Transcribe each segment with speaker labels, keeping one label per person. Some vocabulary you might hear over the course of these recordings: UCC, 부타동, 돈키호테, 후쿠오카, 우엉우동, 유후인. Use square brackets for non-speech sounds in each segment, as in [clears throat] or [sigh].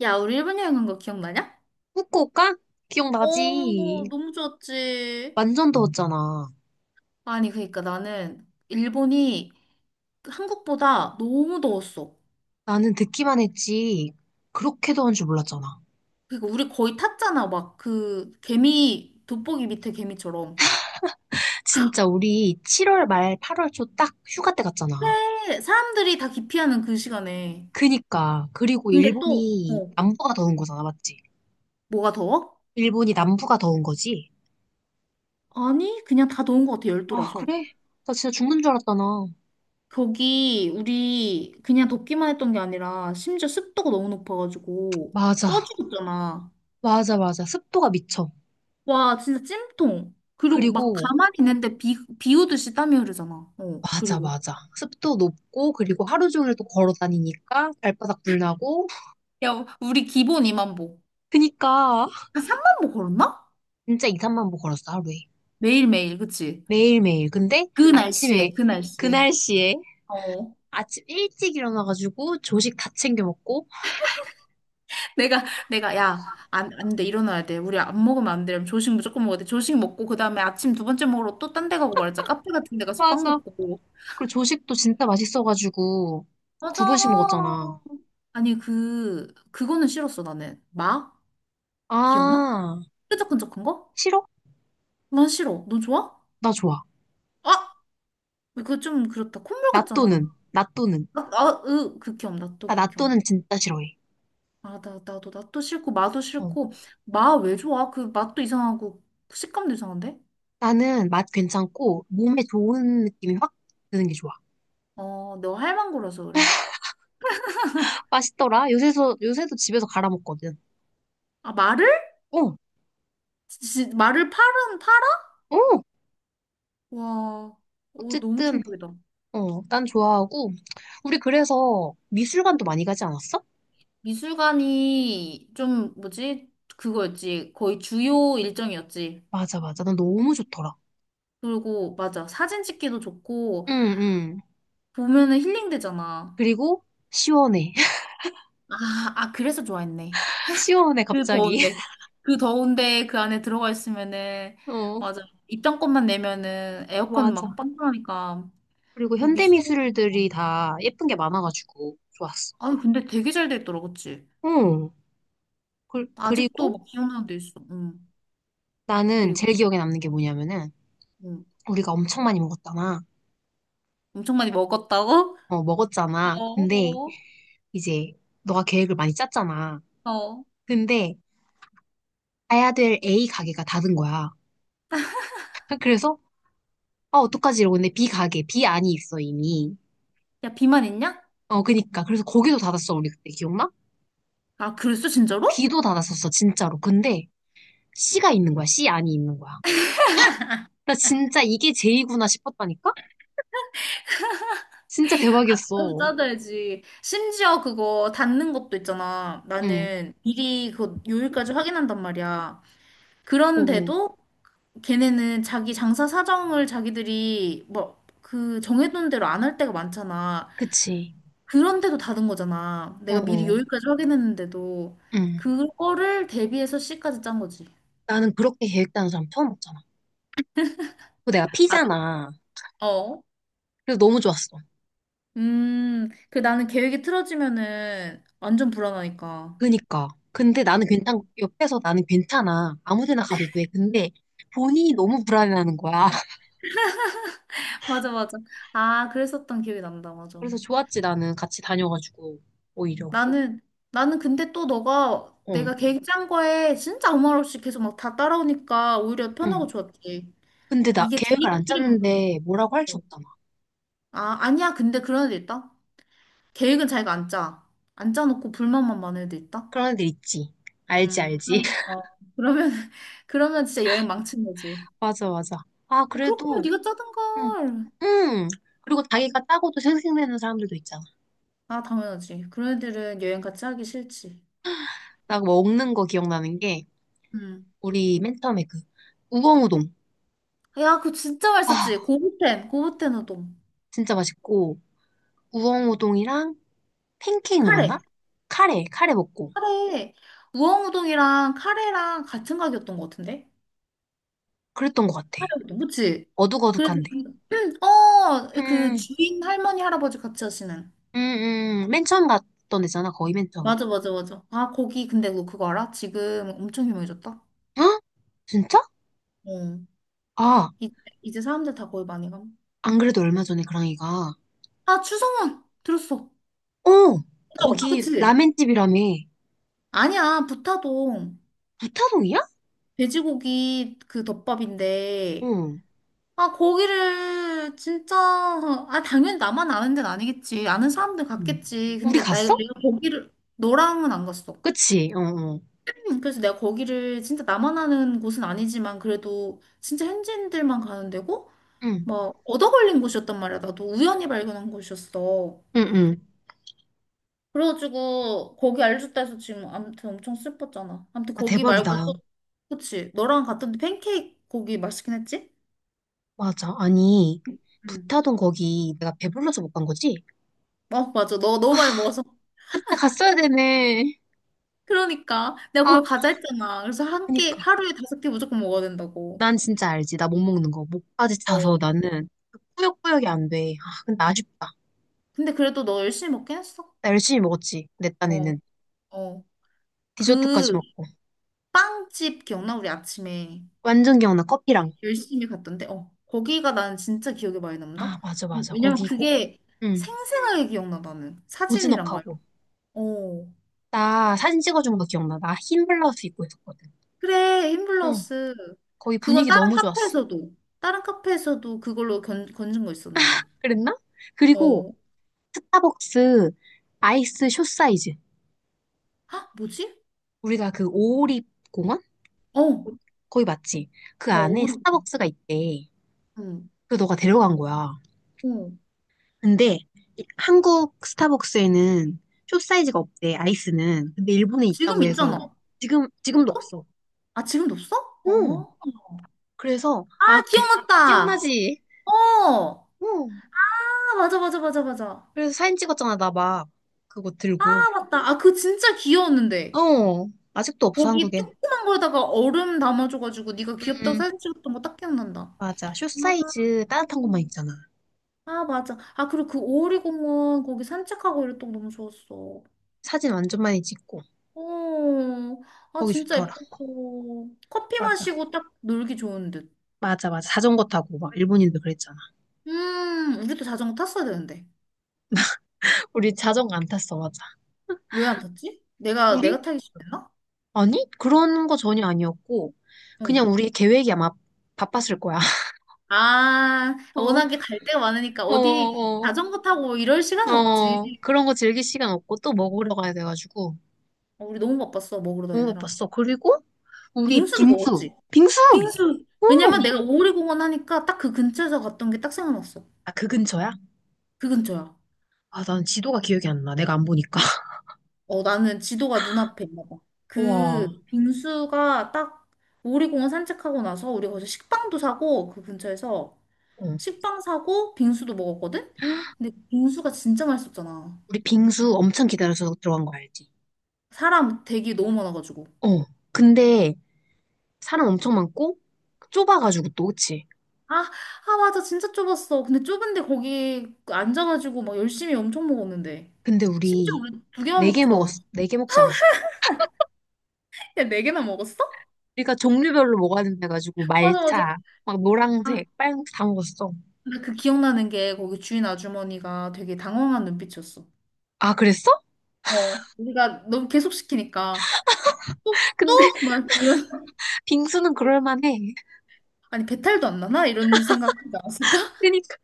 Speaker 1: 야, 우리 일본 여행 간 거 기억나냐?
Speaker 2: 후쿠오카?
Speaker 1: 어,
Speaker 2: 기억나지?
Speaker 1: 너무 좋았지.
Speaker 2: 완전 더웠잖아.
Speaker 1: 아니, 그러니까 나는 일본이 한국보다 너무 더웠어.
Speaker 2: 나는 듣기만 했지. 그렇게 더운 줄 몰랐잖아.
Speaker 1: 그러니까 우리 거의 탔잖아. 막 그 개미, 돋보기 밑에 개미처럼.
Speaker 2: 진짜 우리 7월 말 8월 초 딱 휴가 때 갔잖아.
Speaker 1: 그래, 사람들이 다 기피하는 그 시간에.
Speaker 2: 그니까. 그리고
Speaker 1: 근데 또,
Speaker 2: 일본이 남부가 더운 거잖아, 맞지?
Speaker 1: 뭐가 더워?
Speaker 2: 일본이 남부가 더운 거지?
Speaker 1: 아니, 그냥 다 더운 것 같아,
Speaker 2: 아,
Speaker 1: 열도라서.
Speaker 2: 그래? 나 진짜 죽는 줄 알았잖아.
Speaker 1: 거기 우리 그냥 덥기만 했던 게 아니라 심지어 습도가 너무 높아가지고
Speaker 2: 맞아.
Speaker 1: 쪄 죽었잖아.
Speaker 2: 맞아, 맞아. 습도가 미쳐.
Speaker 1: 와, 진짜 찜통. 그리고 막
Speaker 2: 그리고,
Speaker 1: 가만히 있는데 비 오듯이 땀이 흐르잖아.
Speaker 2: 맞아,
Speaker 1: 그리고.
Speaker 2: 맞아. 습도 높고, 그리고 하루 종일 또 걸어 다니니까 발바닥 불나고.
Speaker 1: 야, 우리 기본 2만 보.
Speaker 2: 그니까.
Speaker 1: 한 3만 보 걸었나?
Speaker 2: 진짜 이 3만 보 걸었어, 하루에.
Speaker 1: 매일매일, 그치?
Speaker 2: 매일매일. 근데
Speaker 1: 그
Speaker 2: 아침에,
Speaker 1: 날씨에, 그
Speaker 2: 그
Speaker 1: 날씨에.
Speaker 2: 날씨에
Speaker 1: 어.
Speaker 2: 아침 일찍 일어나가지고 조식 다 챙겨 먹고.
Speaker 1: 내가, 야, 안 돼, 일어나야 돼. 우리 안 먹으면 안 돼. 이러면 조식 무조건 먹어야 돼. 조식 먹고, 그 다음에 아침 두 번째 먹으러 또 딴 데 가고 말자. 카페 같은 데 가서 빵
Speaker 2: 맞아.
Speaker 1: 먹고.
Speaker 2: 그리고 조식도 진짜 맛있어가지고 두 번씩
Speaker 1: 맞아.
Speaker 2: 먹었잖아.
Speaker 1: 아니, 그거는 싫었어, 나는. 마? 기억나?
Speaker 2: 아,
Speaker 1: 끈적끈적한 거?
Speaker 2: 싫어?
Speaker 1: 난 싫어. 너 좋아?
Speaker 2: 나 좋아.
Speaker 1: 아! 그거 좀 그렇다. 콧물 같잖아.
Speaker 2: 낫또는.
Speaker 1: 아, 아, 으, 극혐. 나또
Speaker 2: 나
Speaker 1: 극혐.
Speaker 2: 낫또는 진짜 싫어해.
Speaker 1: 아, 나도, 나또 싫고, 마도
Speaker 2: 어.
Speaker 1: 싫고. 마 왜 좋아? 그 맛도 이상하고, 식감도 이상한데?
Speaker 2: 나는 맛 괜찮고 몸에 좋은 느낌이 확 드는 게 좋아.
Speaker 1: 어, 너 할망구라서 그래.
Speaker 2: 맛있더라. 요새도 집에서 갈아 먹거든.
Speaker 1: 아, 말을?
Speaker 2: 어,
Speaker 1: 말을 팔아?
Speaker 2: 어.
Speaker 1: 와, 오, 너무
Speaker 2: 어쨌든
Speaker 1: 충격이다.
Speaker 2: 어, 난 좋아하고, 우리 그래서 미술관도 많이 가지 않았어?
Speaker 1: 미술관이 좀, 뭐지? 그거였지. 거의 주요 일정이었지.
Speaker 2: 맞아, 맞아. 난 너무 좋더라.
Speaker 1: 그리고, 맞아. 사진 찍기도 좋고,
Speaker 2: 응, 응.
Speaker 1: 보면은 힐링되잖아.
Speaker 2: 그리고 시원해. [laughs]
Speaker 1: 아, 아, 그래서 좋아했네.
Speaker 2: 시원해,
Speaker 1: 그
Speaker 2: 갑자기.
Speaker 1: 더운데.
Speaker 2: [laughs]
Speaker 1: 그 더운데 그 안에 들어가 있으면은,
Speaker 2: 어,
Speaker 1: 맞아. 입장권만 내면은 에어컨
Speaker 2: 맞아.
Speaker 1: 막 빵빵하니까,
Speaker 2: 그리고
Speaker 1: 그 미소가 나.
Speaker 2: 현대미술들이 다 예쁜 게 많아가지고 좋았어.
Speaker 1: 아니, 근데 되게 잘 돼 있더라, 그치?
Speaker 2: 응.
Speaker 1: 아직도
Speaker 2: 그리고
Speaker 1: 막 기억나는 데 있어. 응.
Speaker 2: 나는
Speaker 1: 그리고,
Speaker 2: 제일 기억에 남는 게 뭐냐면은,
Speaker 1: 응.
Speaker 2: 우리가 엄청 많이 먹었잖아.
Speaker 1: 엄청 많이 먹었다고?
Speaker 2: 어, 먹었잖아. 근데
Speaker 1: 어,
Speaker 2: 이제 너가 계획을 많이 짰잖아.
Speaker 1: 어, 어.
Speaker 2: 근데 가야 될 A 가게가 닫은 거야. [laughs] 그래서 아, 어떡하지? 이러고 근데 B 가게, B 안이 있어, 이미.
Speaker 1: 야, 비만 있냐?
Speaker 2: 어, 그니까. 그래서 거기도 닫았어, 우리 그때, 기억나?
Speaker 1: 아, 그랬어, 진짜로?
Speaker 2: B도 닫았었어, 진짜로. 근데 C가 있는 거야, C 안이 있는 거야. 나 진짜 이게 제이구나 싶었다니까? 진짜
Speaker 1: 나도
Speaker 2: 대박이었어.
Speaker 1: 따져야지. 심지어 그거 닿는 것도 있잖아.
Speaker 2: 응,
Speaker 1: 나는 미리 그 요일까지 확인한단 말이야.
Speaker 2: 어, 어.
Speaker 1: 그런데도 걔네는 자기 장사 사정을 자기들이 뭐 그 정해둔 대로 안 할 때가 많잖아.
Speaker 2: 그치.
Speaker 1: 그런데도 닫은 거잖아.
Speaker 2: 어,
Speaker 1: 내가 미리
Speaker 2: 어.
Speaker 1: 여기까지 확인했는데도
Speaker 2: 응.
Speaker 1: 그거를 대비해서 C까지 짠 거지.
Speaker 2: 나는 그렇게 계획 짜는 사람 처음 봤잖아. 그 내가
Speaker 1: 아,
Speaker 2: P잖아.
Speaker 1: 어.
Speaker 2: 그래서 너무 좋았어.
Speaker 1: 그 나는 계획이 틀어지면은 완전 불안하니까.
Speaker 2: 그니까. 근데
Speaker 1: 음,
Speaker 2: 옆에서 나는 괜찮아. 아무 데나 가도 돼. 근데 본인이 너무 불안해하는 거야.
Speaker 1: 맞아, 맞아. 아, 그랬었던 기억이 난다, 맞아.
Speaker 2: 그래서 좋았지, 나는 같이 다녀가지고, 오히려.
Speaker 1: 나는, 나는 근데 또 너가
Speaker 2: 어,
Speaker 1: 내가 계획 짠 거에 진짜 아무 말 없이 계속 막 다 따라오니까 오히려 편하고
Speaker 2: 응.
Speaker 1: 좋았지.
Speaker 2: 근데 나
Speaker 1: 이게
Speaker 2: 계획을 안
Speaker 1: 자기끼리 만든 거야.
Speaker 2: 짰는데 뭐라고 할 수
Speaker 1: 어.
Speaker 2: 없잖아.
Speaker 1: 아, 아니야. 근데 그런 애도 있다. 계획은 자기가 안 짜. 안 짜놓고 불만만 많은 애도 있다.
Speaker 2: 그런 애들 있지. 알지, 알지.
Speaker 1: 그럼,
Speaker 2: [laughs]
Speaker 1: 어. 그러면, [laughs] 그러면 진짜 여행 망친 거지.
Speaker 2: 맞아, 맞아. 아,
Speaker 1: 그렇게면
Speaker 2: 그래도,
Speaker 1: 네가 짜든
Speaker 2: 응,
Speaker 1: 걸.
Speaker 2: 응. 그리고 자기가 짜고도 생색내는 사람들도 있잖아.
Speaker 1: 아, 당연하지. 그런 애들은 여행 같이 하기 싫지.
Speaker 2: 나 먹는 거 기억나는 게,
Speaker 1: 음.
Speaker 2: 우리 맨 처음에 그, 우엉우동.
Speaker 1: 야, 그거 진짜
Speaker 2: 아,
Speaker 1: 맛있었지. 고부텐, 고부텐 우동.
Speaker 2: 진짜 맛있고, 우엉우동이랑 팬케이크 먹었나?
Speaker 1: 카레.
Speaker 2: 카레, 카레 먹고.
Speaker 1: 카레. 우엉우동이랑 카레랑 같은 가격이었던 것 같은데?
Speaker 2: 그랬던 것 같아.
Speaker 1: 그치? 그래서
Speaker 2: 어둑어둑한데.
Speaker 1: [clears throat] 그
Speaker 2: 응.
Speaker 1: 주인 할머니 할아버지 같이 하시는.
Speaker 2: 맨 처음 갔던 데잖아 거의 맨 처음.
Speaker 1: 맞아, 맞아, 맞아. 아, 거기 근데 너 그거 알아? 지금 엄청 유명해졌다.
Speaker 2: 헉? 진짜?
Speaker 1: 어.
Speaker 2: 아,
Speaker 1: 이제, 이제 사람들 다 거기 많이 가.
Speaker 2: 안 그래도 얼마 전에 그랑이가,
Speaker 1: 아, 추성훈 들었어.
Speaker 2: 어,
Speaker 1: 들어,
Speaker 2: 거기
Speaker 1: 그치?
Speaker 2: 라멘집이라며.
Speaker 1: 아니야, 부타동
Speaker 2: 부타동이야?
Speaker 1: 돼지고기 그 덮밥인데.
Speaker 2: 응.
Speaker 1: 아, 거기를 진짜 아, 당연히 나만 아는 데는 아니겠지. 아는 사람들
Speaker 2: 응.
Speaker 1: 갔겠지.
Speaker 2: 우리
Speaker 1: 근데 나,
Speaker 2: 갔어?
Speaker 1: 내가 거기를 너랑은 안 갔어.
Speaker 2: 그치? 어, 어.
Speaker 1: [clears throat] 그래서 내가 거기를 진짜 나만 아는 곳은 아니지만 그래도 진짜 현지인들만 가는 데고
Speaker 2: 응,
Speaker 1: 막 얻어 걸린 곳이었단 말이야. 나도 우연히 발견한 곳이었어.
Speaker 2: 응, 응.
Speaker 1: 그래가지고 거기 알려줬다 해서 지금 아무튼 엄청 슬펐잖아. 아무튼
Speaker 2: 아,
Speaker 1: 거기 말고
Speaker 2: 대박이다.
Speaker 1: 또 그치? 너랑 갔던데 팬케이크 거기 맛있긴 했지?
Speaker 2: 맞아. 아니,
Speaker 1: 응.
Speaker 2: 부타동 거기 내가 배불러서 못 간 거지?
Speaker 1: 어, 맞아. 너 너무 많이 먹어서.
Speaker 2: 아, 갔어야 되네.
Speaker 1: 그러니까 내가
Speaker 2: 아,
Speaker 1: 거기 가자 했잖아. 그래서 한 끼
Speaker 2: 그니까.
Speaker 1: 하루에 다섯 끼 무조건 먹어야 된다고.
Speaker 2: 난 진짜 알지. 나 못 먹는 거. 목까지
Speaker 1: 어.
Speaker 2: 차서 나는 꾸역꾸역이 안 돼. 아, 근데 아쉽다.
Speaker 1: 근데 그래도 너 열심히 먹긴 했어.
Speaker 2: 나 열심히 먹었지. 내
Speaker 1: 어.
Speaker 2: 딴에는.
Speaker 1: 어.
Speaker 2: 디저트까지
Speaker 1: 그
Speaker 2: 먹고.
Speaker 1: 빵집 기억나? 우리 아침에
Speaker 2: 완전 기억나, 커피랑.
Speaker 1: 열심히 갔던데, 거기가 나는 진짜 기억에 많이 남다?
Speaker 2: 아, 맞아, 맞아.
Speaker 1: 왜냐면
Speaker 2: 거기 고,
Speaker 1: 그게
Speaker 2: 응,
Speaker 1: 생생하게 기억나, 나는. 사진이랑 막,
Speaker 2: 고즈넉하고.
Speaker 1: 이런 거. 어.
Speaker 2: 나
Speaker 1: 어.
Speaker 2: 사진 찍어준 거 기억나. 나 흰 블라우스 입고 있었거든.
Speaker 1: 그래,
Speaker 2: 응,
Speaker 1: 힘블러스.
Speaker 2: 거기
Speaker 1: 그건
Speaker 2: 분위기
Speaker 1: 다른
Speaker 2: 너무 좋았어.
Speaker 1: 카페에서도, 다른 카페에서도 그걸로 건진 거 있었는데.
Speaker 2: 그랬나? 그리고
Speaker 1: 어.
Speaker 2: 스타벅스 아이스 숏 사이즈.
Speaker 1: 아, 뭐지?
Speaker 2: 우리가 그 오리 공원?
Speaker 1: 어,
Speaker 2: 거기 맞지? 그
Speaker 1: 어,
Speaker 2: 안에
Speaker 1: 오래,
Speaker 2: 스타벅스가 있대.
Speaker 1: 응,
Speaker 2: 그 너가 데려간 거야.
Speaker 1: 어.
Speaker 2: 근데 한국 스타벅스에는 숏 사이즈가 없대, 아이스는. 근데 일본에
Speaker 1: 지금
Speaker 2: 있다고 해서
Speaker 1: 있잖아.
Speaker 2: 지금도
Speaker 1: 없어?
Speaker 2: 없어.
Speaker 1: 아, 지금도 없어?
Speaker 2: 응,
Speaker 1: 어.
Speaker 2: 그래서,
Speaker 1: 아,
Speaker 2: 아,
Speaker 1: 기억났다!
Speaker 2: 기억나지?
Speaker 1: 어!
Speaker 2: 응.
Speaker 1: 아, 맞아, 맞아, 맞아, 맞아.
Speaker 2: 그래서 사진 찍었잖아, 나 막. 그거 들고.
Speaker 1: 맞다. 아, 그 진짜 귀여웠는데.
Speaker 2: 어, 아직도 없어,
Speaker 1: 거기
Speaker 2: 한국엔.
Speaker 1: 조그만 거에다가 얼음 담아줘가지고 네가
Speaker 2: 응,
Speaker 1: 귀엽다고
Speaker 2: 응.
Speaker 1: 사진 찍었던 거 딱 기억난다.
Speaker 2: 맞아. 숏
Speaker 1: 아,
Speaker 2: 사이즈 따뜻한 것만 있잖아.
Speaker 1: 아, 맞아. 아, 그리고 그 오리공원 거기 산책하고 이랬던 거 너무 좋았어.
Speaker 2: 사진 완전 많이 찍고.
Speaker 1: 오, 아,
Speaker 2: 거기
Speaker 1: 진짜
Speaker 2: 좋더라.
Speaker 1: 예뻤어. 커피
Speaker 2: 맞아.
Speaker 1: 마시고 딱 놀기 좋은 듯.
Speaker 2: 맞아, 맞아. 자전거 타고, 막, 일본인들 그랬잖아.
Speaker 1: 우리도 자전거 탔어야 되는데.
Speaker 2: [laughs] 우리 자전거 안 탔어, 맞아.
Speaker 1: 왜 안 탔지? 내가,
Speaker 2: 우리?
Speaker 1: 내가 타기 싫었나?
Speaker 2: 아니, 그런 거 전혀 아니었고,
Speaker 1: 응.
Speaker 2: 그냥 우리 계획이 아마 바빴을 거야. [laughs]
Speaker 1: 아,
Speaker 2: 어,
Speaker 1: 워낙에 갈 데가 많으니까
Speaker 2: 어,
Speaker 1: 어디
Speaker 2: 어,
Speaker 1: 자전거 타고 뭐 이럴 시간은 없지.
Speaker 2: 어. 그런 거 즐길 시간 없고 또 먹으러 가야 돼가지고.
Speaker 1: 우리 너무 바빴어, 먹으러
Speaker 2: 너무
Speaker 1: 다니느라.
Speaker 2: 바빴어. 그리고 우리
Speaker 1: 빙수도
Speaker 2: 빙수.
Speaker 1: 먹었지.
Speaker 2: 빙수!
Speaker 1: 빙수.
Speaker 2: 어.
Speaker 1: 왜냐면 내가 오리공원 하니까 딱 그 근처에서 갔던 게 딱 생각났어.
Speaker 2: 아, 그 근처야?
Speaker 1: 그 근처야.
Speaker 2: 아, 난 지도가 기억이 안 나. 내가 안 보니까. [laughs]
Speaker 1: 나는 지도가 눈앞에 있나 봐.
Speaker 2: 우와.
Speaker 1: 그 빙수가 딱 오리공원 산책하고 나서 우리 거기서 식빵도 사고 그 근처에서
Speaker 2: 어.
Speaker 1: 식빵 사고 빙수도 먹었거든? 근데 빙수가 진짜 맛있었잖아.
Speaker 2: 우리 빙수 엄청 기다려서 들어간 거 알지?
Speaker 1: 사람 대기 너무 많아가지고.
Speaker 2: 어. 근데 사람 엄청 많고 좁아가지고 또, 그치?
Speaker 1: 아, 아, 맞아. 진짜 좁았어. 근데 좁은데 거기 앉아가지고 막 열심히 엄청 먹었는데.
Speaker 2: 근데
Speaker 1: 심지어
Speaker 2: 우리
Speaker 1: 우리 두 개만
Speaker 2: 네 개
Speaker 1: 먹지도 않았어.
Speaker 2: 먹었어. 네 개 먹지 않았어.
Speaker 1: 야, 네 개나 먹었어?
Speaker 2: 우리가 종류별로 먹어야 된다 해가지고
Speaker 1: 맞아, 맞아.
Speaker 2: 말차, 막
Speaker 1: 아,
Speaker 2: 노란색, 빨간색 다 먹었어.
Speaker 1: 근데 그 기억나는 게 거기 주인 아주머니가 되게 당황한 눈빛이었어.
Speaker 2: 아, 그랬어?
Speaker 1: 어, 우리가 너무 계속 시키니까 또,
Speaker 2: [laughs]
Speaker 1: 또?
Speaker 2: 근데
Speaker 1: 막 이런,
Speaker 2: 빙수는 그럴만해.
Speaker 1: 아니, 배탈도 안 나나? 이런 생각하지 않았을까? [laughs]
Speaker 2: 그러니까.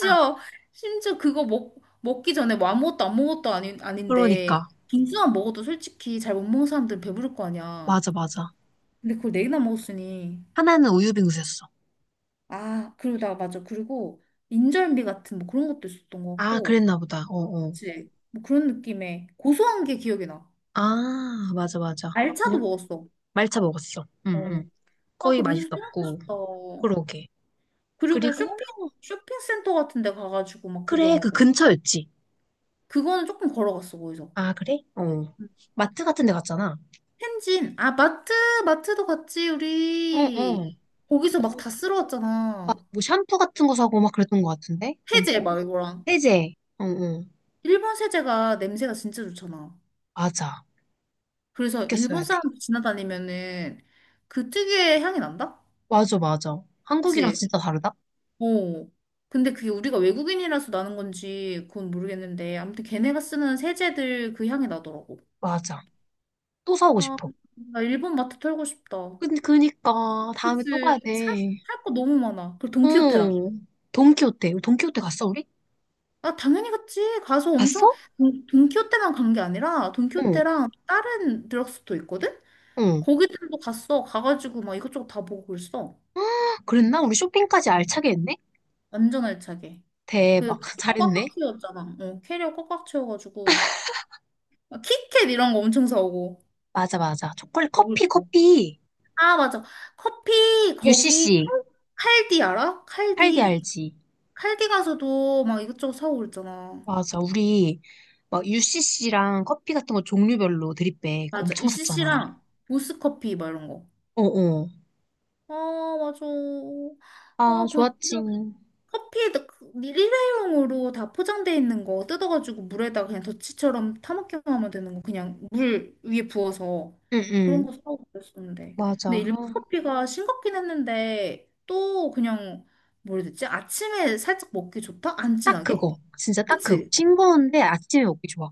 Speaker 2: 아,
Speaker 1: 심지어 그거 먹기 전에 뭐 아무것도 안 먹었다도아닌
Speaker 2: 그러니까.
Speaker 1: 아닌데, 빙수만 먹어도 솔직히 잘 못 먹는 사람들은 배부를 거 아니야.
Speaker 2: 맞아, 맞아.
Speaker 1: 근데 그걸 네 개나 먹었으니
Speaker 2: 하나는 우유 빙수였어.
Speaker 1: 아, 그러다. 맞아. 그리고 인절미 같은 뭐 그런 것도 있었던 것
Speaker 2: 아,
Speaker 1: 같고.
Speaker 2: 그랬나 보다. 어, 어.
Speaker 1: 그치? 뭐 그런 느낌의 고소한 게 기억이 나.
Speaker 2: 아, 맞아, 맞아.
Speaker 1: 알차도
Speaker 2: 어,
Speaker 1: 먹었어.
Speaker 2: 말차 먹었어. 응,
Speaker 1: 어.
Speaker 2: 응.
Speaker 1: 아,
Speaker 2: 거의
Speaker 1: 그 빙수 또 먹고
Speaker 2: 맛있었고.
Speaker 1: 싶다.
Speaker 2: 그러게.
Speaker 1: 그리고
Speaker 2: 그리고,
Speaker 1: 쇼핑센터 같은 데 가가지고 막
Speaker 2: 그래, 그
Speaker 1: 구경하고.
Speaker 2: 근처였지.
Speaker 1: 그거는 조금 걸어갔어, 거기서.
Speaker 2: 아, 그래? 어.
Speaker 1: 음
Speaker 2: 마트 같은 데 갔잖아.
Speaker 1: 진아 마트. 마트도 갔지,
Speaker 2: 어,
Speaker 1: 우리.
Speaker 2: 어.
Speaker 1: 거기서 막 다
Speaker 2: 막
Speaker 1: 쓸어왔잖아.
Speaker 2: 뭐 샴푸 같은 거 사고 막 그랬던 것 같은데?
Speaker 1: 세제
Speaker 2: 엄청?
Speaker 1: 막 이거랑
Speaker 2: 세제. 어, 어.
Speaker 1: 일본 세제가 냄새가 진짜 좋잖아.
Speaker 2: 맞아.
Speaker 1: 그래서
Speaker 2: 아꼈어야
Speaker 1: 일본
Speaker 2: 돼.
Speaker 1: 사람 지나다니면은 그 특유의 향이 난다?
Speaker 2: 맞아, 맞아. 한국이랑
Speaker 1: 그치?
Speaker 2: 진짜 다르다?
Speaker 1: 어. 근데 그게 우리가 외국인이라서 나는 건지 그건 모르겠는데 아무튼 걔네가 쓰는 세제들 그 향이 나더라고.
Speaker 2: 맞아. 또 사오고
Speaker 1: 아,
Speaker 2: 싶어.
Speaker 1: 나 일본 마트 털고 싶다.
Speaker 2: 근데 그니까 다음에 또
Speaker 1: 그치?
Speaker 2: 가야 돼.
Speaker 1: 살 거 너무 많아. 그리고 돈키호테랑.
Speaker 2: 어. 돈키호테. 우리 돈키호테 갔어, 우리?
Speaker 1: 아, 당연히 갔지. 가서 엄청
Speaker 2: 갔어?
Speaker 1: 돈키호테만 간 게 아니라
Speaker 2: 어.
Speaker 1: 돈키호테랑 다른 드럭스토어 있거든?
Speaker 2: 응.
Speaker 1: 거기들도 갔어. 가가지고 막 이것저것 다 보고 그랬어.
Speaker 2: [gasps] 그랬나? 우리 쇼핑까지 알차게 했네?
Speaker 1: 완전 알차게. 그리
Speaker 2: 대박. [laughs]
Speaker 1: 어 꽉꽉
Speaker 2: 잘했네.
Speaker 1: 채웠잖아. 어, 캐리어 꽉꽉 채워가지고 막 키캣 이런 거 엄청 사오고
Speaker 2: 맞아, 맞아. 초콜릿, 커피,
Speaker 1: 먹을 거.
Speaker 2: 커피.
Speaker 1: 아, 맞아. 커피 거기
Speaker 2: UCC.
Speaker 1: 칼디 알아?
Speaker 2: 할디
Speaker 1: 칼디.
Speaker 2: 알지?
Speaker 1: 칼디 가서도 막 이것저것 사오고 그랬잖아.
Speaker 2: 맞아. 우리 막 UCC랑 커피 같은 거 종류별로 드립백
Speaker 1: 맞아.
Speaker 2: 엄청 샀잖아.
Speaker 1: UCC랑 보스커피 막 이런 거.
Speaker 2: 어어.
Speaker 1: 아, 맞아.
Speaker 2: 아,
Speaker 1: 아, 그거
Speaker 2: 좋았지.
Speaker 1: 진짜 커피에도 그 일회용으로 다 포장돼 있는 거 뜯어가지고 물에다가 그냥 더치처럼 타먹기만 하면 되는 거 그냥 물 위에 부어서 그런
Speaker 2: 응응.
Speaker 1: 거 사고 그랬었는데
Speaker 2: 맞아.
Speaker 1: 근데 일본
Speaker 2: 아,
Speaker 1: 커피가 싱겁긴 했는데 또 그냥 뭐라 해야 되지? 아침에 살짝 먹기 좋다? 안
Speaker 2: 딱
Speaker 1: 진하게?
Speaker 2: 그거. 진짜 딱 그거.
Speaker 1: 그치?
Speaker 2: 싱거운데 아침에 먹기 좋아.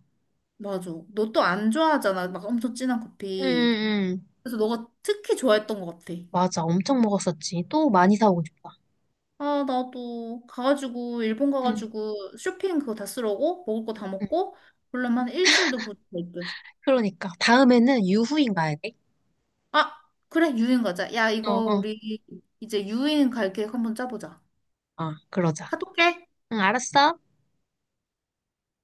Speaker 1: 맞아, 너 또 안 좋아하잖아, 막 엄청 진한 커피.
Speaker 2: 응응.
Speaker 1: 그래서 너가 특히 좋아했던 것 같아.
Speaker 2: 맞아. 엄청 먹었었지. 또 많이 사오고 싶다.
Speaker 1: 아, 나도 가가지고 일본
Speaker 2: 응.
Speaker 1: 가가지고 쇼핑 그거 다 쓰러고 먹을 거 다
Speaker 2: 응.
Speaker 1: 먹고 그러면 한 일주일도 못될 듯.
Speaker 2: 그러니까. 다음에는 유후인 가야 돼.
Speaker 1: 아, 그래, 유인 가자. 야, 이거
Speaker 2: 어어.
Speaker 1: 우리 이제 유인 갈 계획 한번 짜보자.
Speaker 2: 어, 그러자.
Speaker 1: 카톡해.
Speaker 2: 응, 알았어.